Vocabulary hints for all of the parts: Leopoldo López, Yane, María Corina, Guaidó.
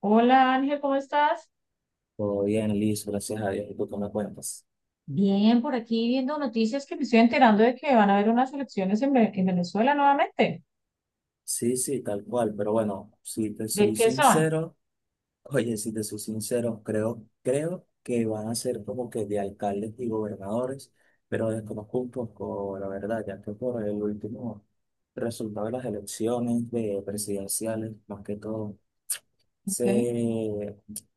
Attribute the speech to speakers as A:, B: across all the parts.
A: Hola Ángel, ¿cómo estás?
B: Todo bien, listo, gracias a Dios. ¿Y tú qué me cuentas?
A: Bien, por aquí viendo noticias que me estoy enterando de que van a haber unas elecciones en Venezuela nuevamente.
B: Sí, sí, tal cual. Pero bueno, si te
A: ¿De
B: soy
A: qué son?
B: sincero, oye, si te soy sincero, creo que van a ser como que de alcaldes y gobernadores, pero desconozco un poco la verdad, ya que por el último resultado de las elecciones de presidenciales, más que todo se
A: Okay.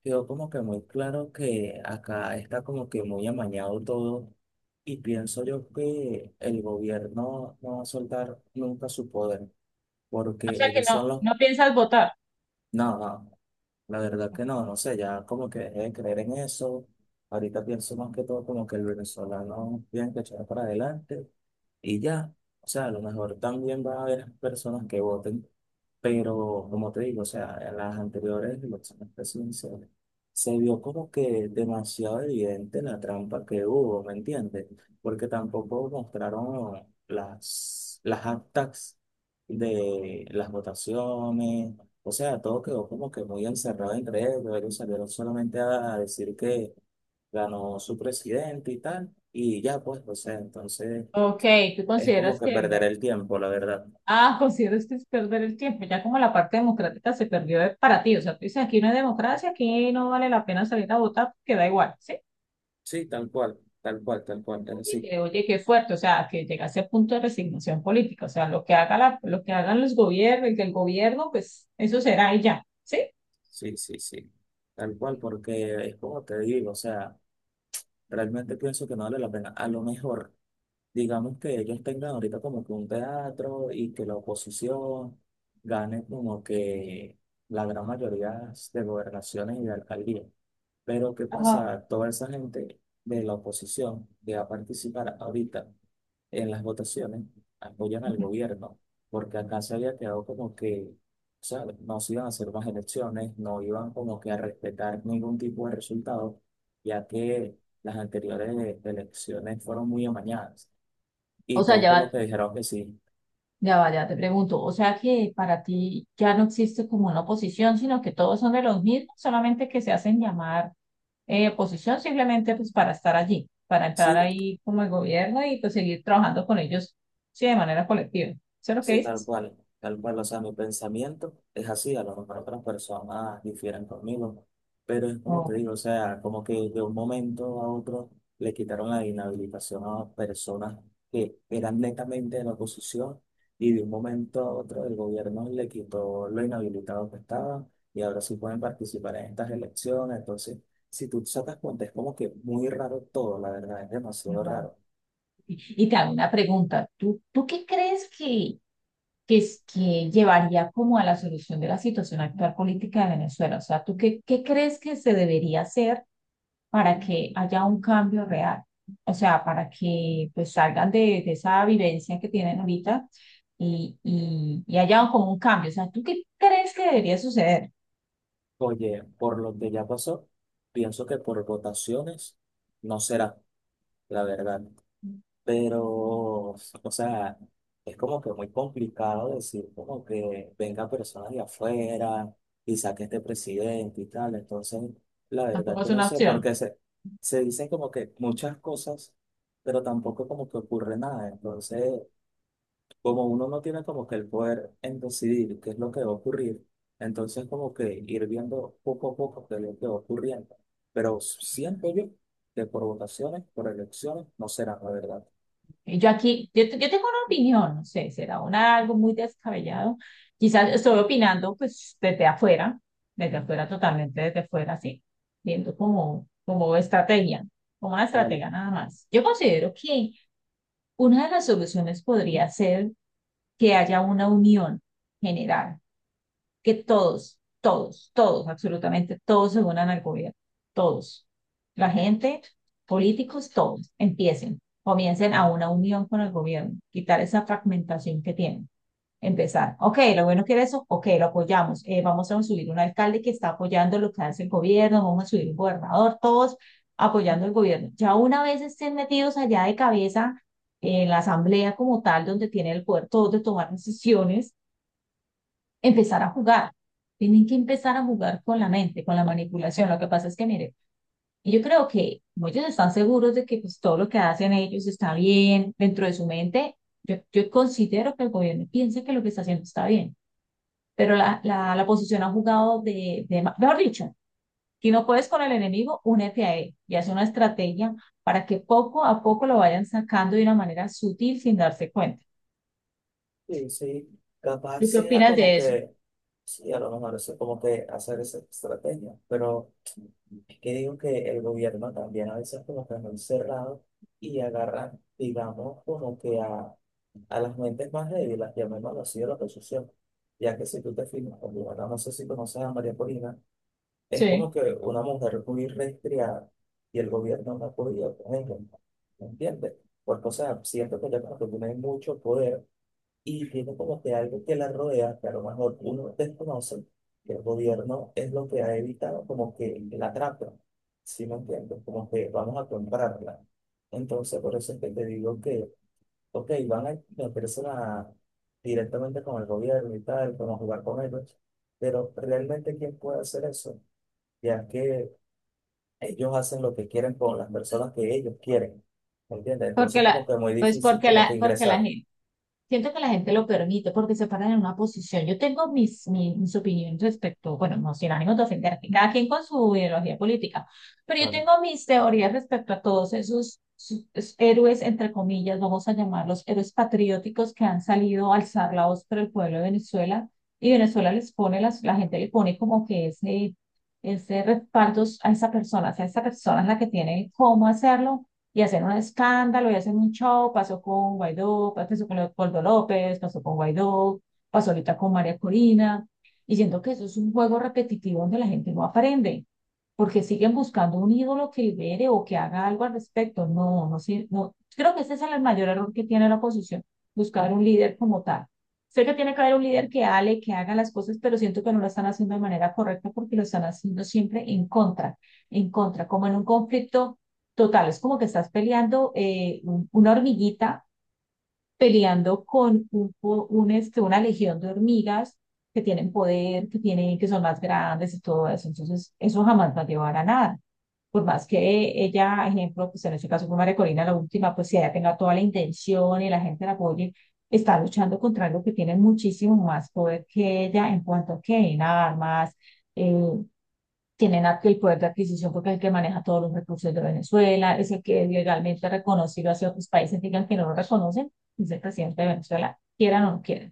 B: quedó como que muy claro que acá está como que muy amañado todo y pienso yo que el gobierno no va a soltar nunca su poder
A: O
B: porque
A: sea que
B: ellos
A: no,
B: son los...
A: no piensas votar.
B: No, no, la verdad que no, no sé, ya como que dejé de creer en eso. Ahorita pienso más que todo como que el venezolano tiene que echar para adelante y ya. O sea, a lo mejor también va a haber personas que voten. Pero como te digo, o sea, en las anteriores elecciones presidenciales se vio como que demasiado evidente la trampa que hubo, ¿me entiendes? Porque tampoco mostraron las actas de las votaciones, o sea, todo quedó como que muy encerrado entre ellos, ellos salieron solamente a decir que ganó su presidente y tal, y ya pues, o sea, entonces
A: Ok, tú
B: es como
A: consideras
B: que
A: que
B: perder
A: no.
B: el tiempo, la verdad.
A: Ah, consideras que es perder el tiempo. Ya como la parte democrática se perdió para ti. O sea, tú dices, aquí no hay democracia, aquí no vale la pena salir a votar porque da igual, ¿sí?
B: Sí, tal cual, tal cual, tal cual, es
A: Oye,
B: así.
A: oye, qué fuerte, o sea, que llegase a punto de resignación política, o sea, lo que haga la, lo que hagan los gobiernos, el del gobierno, pues eso será y ya, ¿sí?
B: Sí, sí, sí. Tal cual, porque es como te digo, o sea, realmente pienso que no vale la pena. A lo mejor, digamos que ellos tengan ahorita como que un teatro y que la oposición gane como que la gran mayoría de gobernaciones y de alcaldías. Pero ¿qué
A: Ajá.
B: pasa? Toda esa gente de la oposición que va a participar ahorita en las votaciones apoyan al gobierno, porque acá se había quedado como que, ¿sabes? No se iban a hacer más elecciones, no iban como que a respetar ningún tipo de resultado, ya que las anteriores elecciones fueron muy amañadas
A: O
B: y
A: sea,
B: todos
A: ya
B: por lo
A: va,
B: que dijeron que sí.
A: ya va, ya te pregunto. O sea que para ti ya no existe como una oposición, sino que todos son de los mismos, solamente que se hacen llamar oposición simplemente pues para estar allí, para entrar
B: Sí,
A: ahí como el gobierno y pues seguir trabajando con ellos, sí, de manera colectiva. ¿Eso es lo que
B: sí,
A: dices?
B: tal cual, o sea, mi pensamiento es así, a lo mejor otras personas difieren conmigo, pero es como te
A: No,
B: digo, o sea, como que de un momento a otro le quitaron la inhabilitación a personas que eran netamente de la oposición y de un momento a otro el gobierno le quitó lo inhabilitado que estaban y ahora sí pueden participar en estas elecciones, entonces, si tú sacas cuenta, es como que muy raro todo, la verdad, es demasiado
A: ¿verdad?
B: raro.
A: Y te hago una pregunta. ¿Tú qué crees que llevaría como a la solución de la situación actual política de Venezuela? O sea, ¿tú qué crees que se debería hacer para que haya un cambio real, o sea, para que pues salgan de esa vivencia que tienen ahorita y haya como un cambio. O sea, ¿tú qué crees que debería suceder?
B: Oye, por lo que ya pasó, pienso que por votaciones no será, la verdad. Pero, o sea, es como que muy complicado decir como que venga personas de afuera y saque este presidente y tal. Entonces, la verdad
A: Tampoco es
B: que no
A: una
B: sé,
A: opción.
B: porque se dicen como que muchas cosas, pero tampoco como que ocurre nada. Entonces, como uno no tiene como que el poder en decidir qué es lo que va a ocurrir, entonces como que ir viendo poco a poco qué es lo que va ocurriendo. Pero siento yo que por votaciones, por elecciones, no será la verdad.
A: Yo tengo una opinión, no sé, será algo muy descabellado. Quizás estoy opinando pues desde afuera, totalmente desde afuera, sí, viendo como estrategia, como una
B: Vale.
A: estratega nada más. Yo considero que una de las soluciones podría ser que haya una unión general, que todos, todos, todos, absolutamente todos se unan al gobierno, todos. La gente, políticos, todos, empiecen, comiencen a una unión con el gobierno, quitar esa fragmentación que tienen. Empezar, ok, lo bueno que era eso, ok, lo apoyamos, vamos a subir un alcalde que está apoyando lo que hace el gobierno, vamos a subir un gobernador, todos apoyando el gobierno. Ya una vez estén metidos allá de cabeza en la asamblea como tal, donde tiene el poder todos de tomar decisiones, empezar a jugar. Tienen que empezar a jugar con la mente, con la manipulación. Lo que pasa es que, mire, y yo creo que ellos están seguros de que pues, todo lo que hacen ellos está bien dentro de su mente. Yo considero que el gobierno piensa que lo que está haciendo está bien, pero la oposición ha jugado mejor dicho, si no puedes con el enemigo, únete a él y hace una estrategia para que poco a poco lo vayan sacando de una manera sutil sin darse cuenta.
B: Sí, sí, capaz
A: ¿Tú qué
B: sea
A: opinas
B: como
A: de eso?
B: que, sí, a lo mejor es como que hacer esa estrategia, pero es que digo que el gobierno también a veces como que es muy cerrado y agarran, digamos, como que a las mentes más débiles, llamémoslo así, de la oposición, ya que si tú te fijas, por ejemplo, no sé si conoces a María Corina, es
A: Sí,
B: como que una mujer muy restringida y el gobierno no ha podido con ella, ¿me entiendes? Porque, o sea, siento que ya como que tienen mucho poder y tiene como que algo que la rodea, que a lo mejor uno desconoce, que el gobierno es lo que ha evitado como que la trata, ¿sí me entiendes? Como que vamos a comprarla. Entonces, por eso es que te digo que, ok, van a meterse la- directamente con el gobierno y tal, vamos a jugar con ellos, pero realmente ¿quién puede hacer eso? Ya que ellos hacen lo que quieren con las personas que ellos quieren, ¿me entiendes?
A: porque
B: Entonces,
A: la,
B: como que muy
A: pues
B: difícil
A: porque
B: como
A: la,
B: que
A: porque la
B: ingresar.
A: gente. Siento que la gente lo permite porque se paran en una posición. Yo tengo mis opiniones respecto, bueno, no sin ánimo de ofender, cada quien con su ideología política, pero yo
B: Bueno,
A: tengo mis teorías respecto a todos esos héroes, entre comillas, vamos a llamarlos héroes patrióticos que han salido a alzar la voz por el pueblo de Venezuela, y Venezuela la gente le pone como que ese, respaldo a esa persona, o sea, esa persona es la que tiene cómo hacerlo y hacer un escándalo y hacer un show. Pasó con Guaidó, pasó con Leopoldo López, pasó con Guaidó, pasó ahorita con María Corina. Y siento que eso es un juego repetitivo donde la gente no aprende, porque siguen buscando un ídolo que libere o que haga algo al respecto. No, no sé, no. Creo que ese es el mayor error que tiene la oposición, buscar un líder como tal. Sé que tiene que haber un líder que hable, que haga las cosas, pero siento que no lo están haciendo de manera correcta porque lo están haciendo siempre en contra, como en un conflicto total. Es como que estás peleando, una hormiguita, peleando con un, po- un, este, una legión de hormigas que tienen poder, que tienen, que son más grandes y todo eso. Entonces, eso jamás va a llevar a nada. Por más que ella, ejemplo, pues en este caso fue María Corina, la última, pues si ella tenga toda la intención y la gente la apoye, está luchando contra algo que tiene muchísimo más poder que ella en cuanto a que en armas, eh, tienen el poder de adquisición porque es el que maneja todos los recursos de Venezuela, es el que legalmente ha reconocido hacia otros países, digan que no lo reconocen, es el presidente de Venezuela, quieran o no quieran.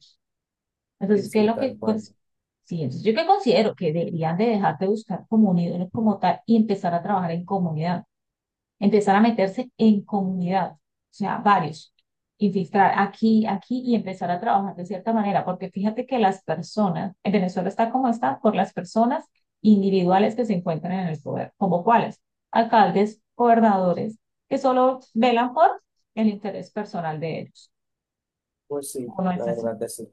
B: sí,
A: Entonces, ¿qué es
B: sí,
A: lo que,
B: tal cual.
A: pues, sí, entonces yo que considero que deberían de dejar de buscar como un ídolo como tal y empezar a trabajar en comunidad, empezar a meterse en comunidad, o sea, varios, infiltrar aquí, aquí, y empezar a trabajar de cierta manera, porque fíjate que las personas, en Venezuela está como está, por las personas individuales que se encuentran en el poder, como cuáles, alcaldes, gobernadores, que solo velan por el interés personal de ellos,
B: Pues
A: o
B: sí,
A: no
B: la
A: es así?
B: verdad que sí.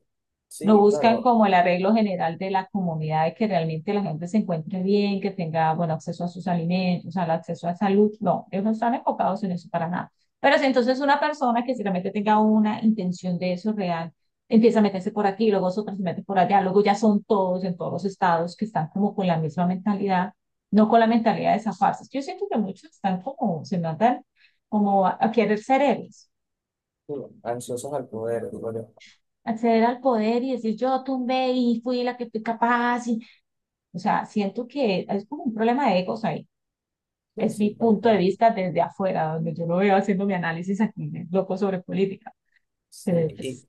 A: Lo
B: Sí,
A: buscan
B: claro,
A: como el arreglo general de la comunidad, de que realmente la gente se encuentre bien, que tenga, bueno, acceso a sus alimentos, al acceso a salud. No, ellos no están enfocados en eso para nada. Pero si entonces una persona que si realmente tenga una intención de eso real, empieza a meterse por aquí, luego otra se mete por allá, luego ya son todos en todos los estados que están como con la misma mentalidad, no con la mentalidad de zafarse. Yo siento que muchos están como, se matan como a querer ser héroes,
B: digo, ansiosos al poder, digo yo.
A: acceder al poder y decir yo tumbé y fui la que fui capaz y. O sea, siento que es como un problema de egos ahí.
B: Sí,
A: Es
B: sí,
A: mi
B: tal
A: punto de
B: cual.
A: vista desde afuera, donde yo lo veo haciendo mi análisis aquí, loco sobre política.
B: Sí,
A: Pero
B: y
A: pues,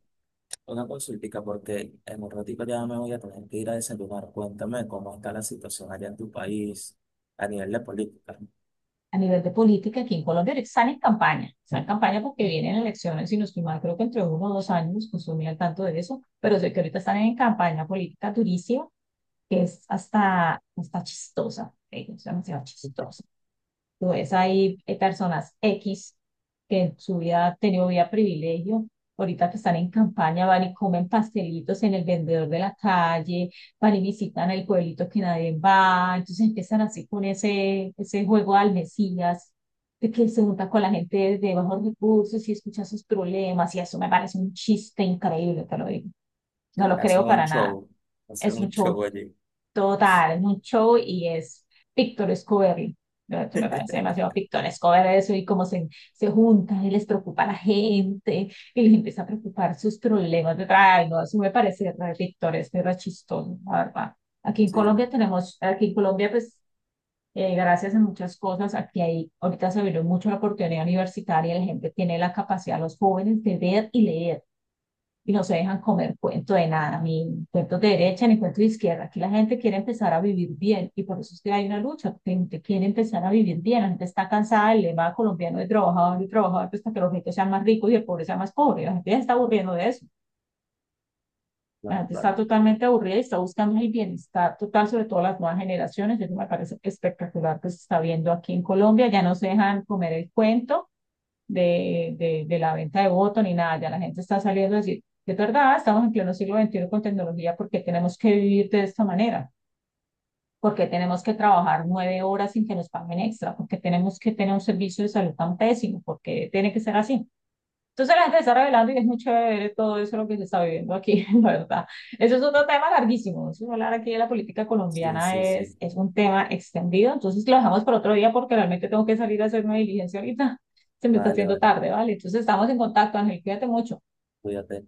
B: una consultica, porque en un ratito ya me voy a tener que ir a desayunar. Cuéntame cómo está la situación allá en tu país a nivel de política.
A: a nivel de política, aquí en Colombia están en campaña. Están en campaña porque vienen elecciones y nos mal, creo que entre uno o dos años, pues estoy muy al tanto de eso. Pero sé que ahorita están en campaña política durísima, que es hasta chistosa. Es demasiado chistosa. Tú ves ahí, personas X que en su vida han tenido vida privilegio, ahorita que están en campaña, van y comen pastelitos en el vendedor de la calle, van y visitan el pueblito que nadie va, entonces empiezan así con ese, juego al Mesías, de que se junta con la gente de bajos recursos y escucha sus problemas, y eso me parece un chiste increíble, te lo digo. No
B: Sí,
A: lo creo para nada. Es
B: hacen
A: un
B: un
A: show
B: show allí.
A: total, es un show y es pictoresco verlo. ¿No? Esto me parece demasiado pictoresco ver eso y cómo se juntan y les preocupa a la gente y les empieza a preocupar sus problemas de ay, no, eso me parece re pictoresco y re chistoso, la verdad. Aquí en
B: Sí,
A: Colombia
B: claro,
A: tenemos, aquí en Colombia pues gracias a muchas cosas, aquí hay, ahorita se abrió mucho la oportunidad universitaria, la gente tiene la capacidad, los jóvenes de ver y leer, y no se dejan comer cuento de nada, ni cuentos de derecha, ni cuentos de izquierda. Aquí la gente quiere empezar a vivir bien y por eso es que hay una lucha, la gente quiere empezar a vivir bien, la gente está cansada del lema colombiano de trabajador y trabajador pues, hasta que los ricos sean más ricos y el pobre sea más pobre. La gente ya está aburriendo de eso, la
B: claro,
A: gente
B: claro.
A: está totalmente aburrida y está buscando el bienestar total, sobre todo las nuevas generaciones. Eso me parece espectacular que se está viendo aquí en Colombia, ya no se dejan comer el cuento de la venta de voto ni nada, ya la gente está saliendo a decir, es verdad, estamos en pleno siglo XXI con tecnología, ¿porque tenemos que vivir de esta manera? ¿Porque tenemos que trabajar 9 horas sin que nos paguen extra? ¿Porque tenemos que tener un servicio de salud tan pésimo? ¿Porque tiene que ser así? Entonces la gente está revelando y es muy chévere todo eso lo que se está viviendo aquí, la verdad. Eso es otro tema larguísimo. Eso hablar aquí de la política
B: Sí,
A: colombiana
B: sí,
A: es,
B: sí.
A: es un tema extendido. Entonces lo dejamos para otro día porque realmente tengo que salir a hacer una diligencia ahorita. Se me está
B: Vale,
A: haciendo
B: vale.
A: tarde, ¿vale? Entonces estamos en contacto, Ángel. Cuídate mucho.
B: Cuídate.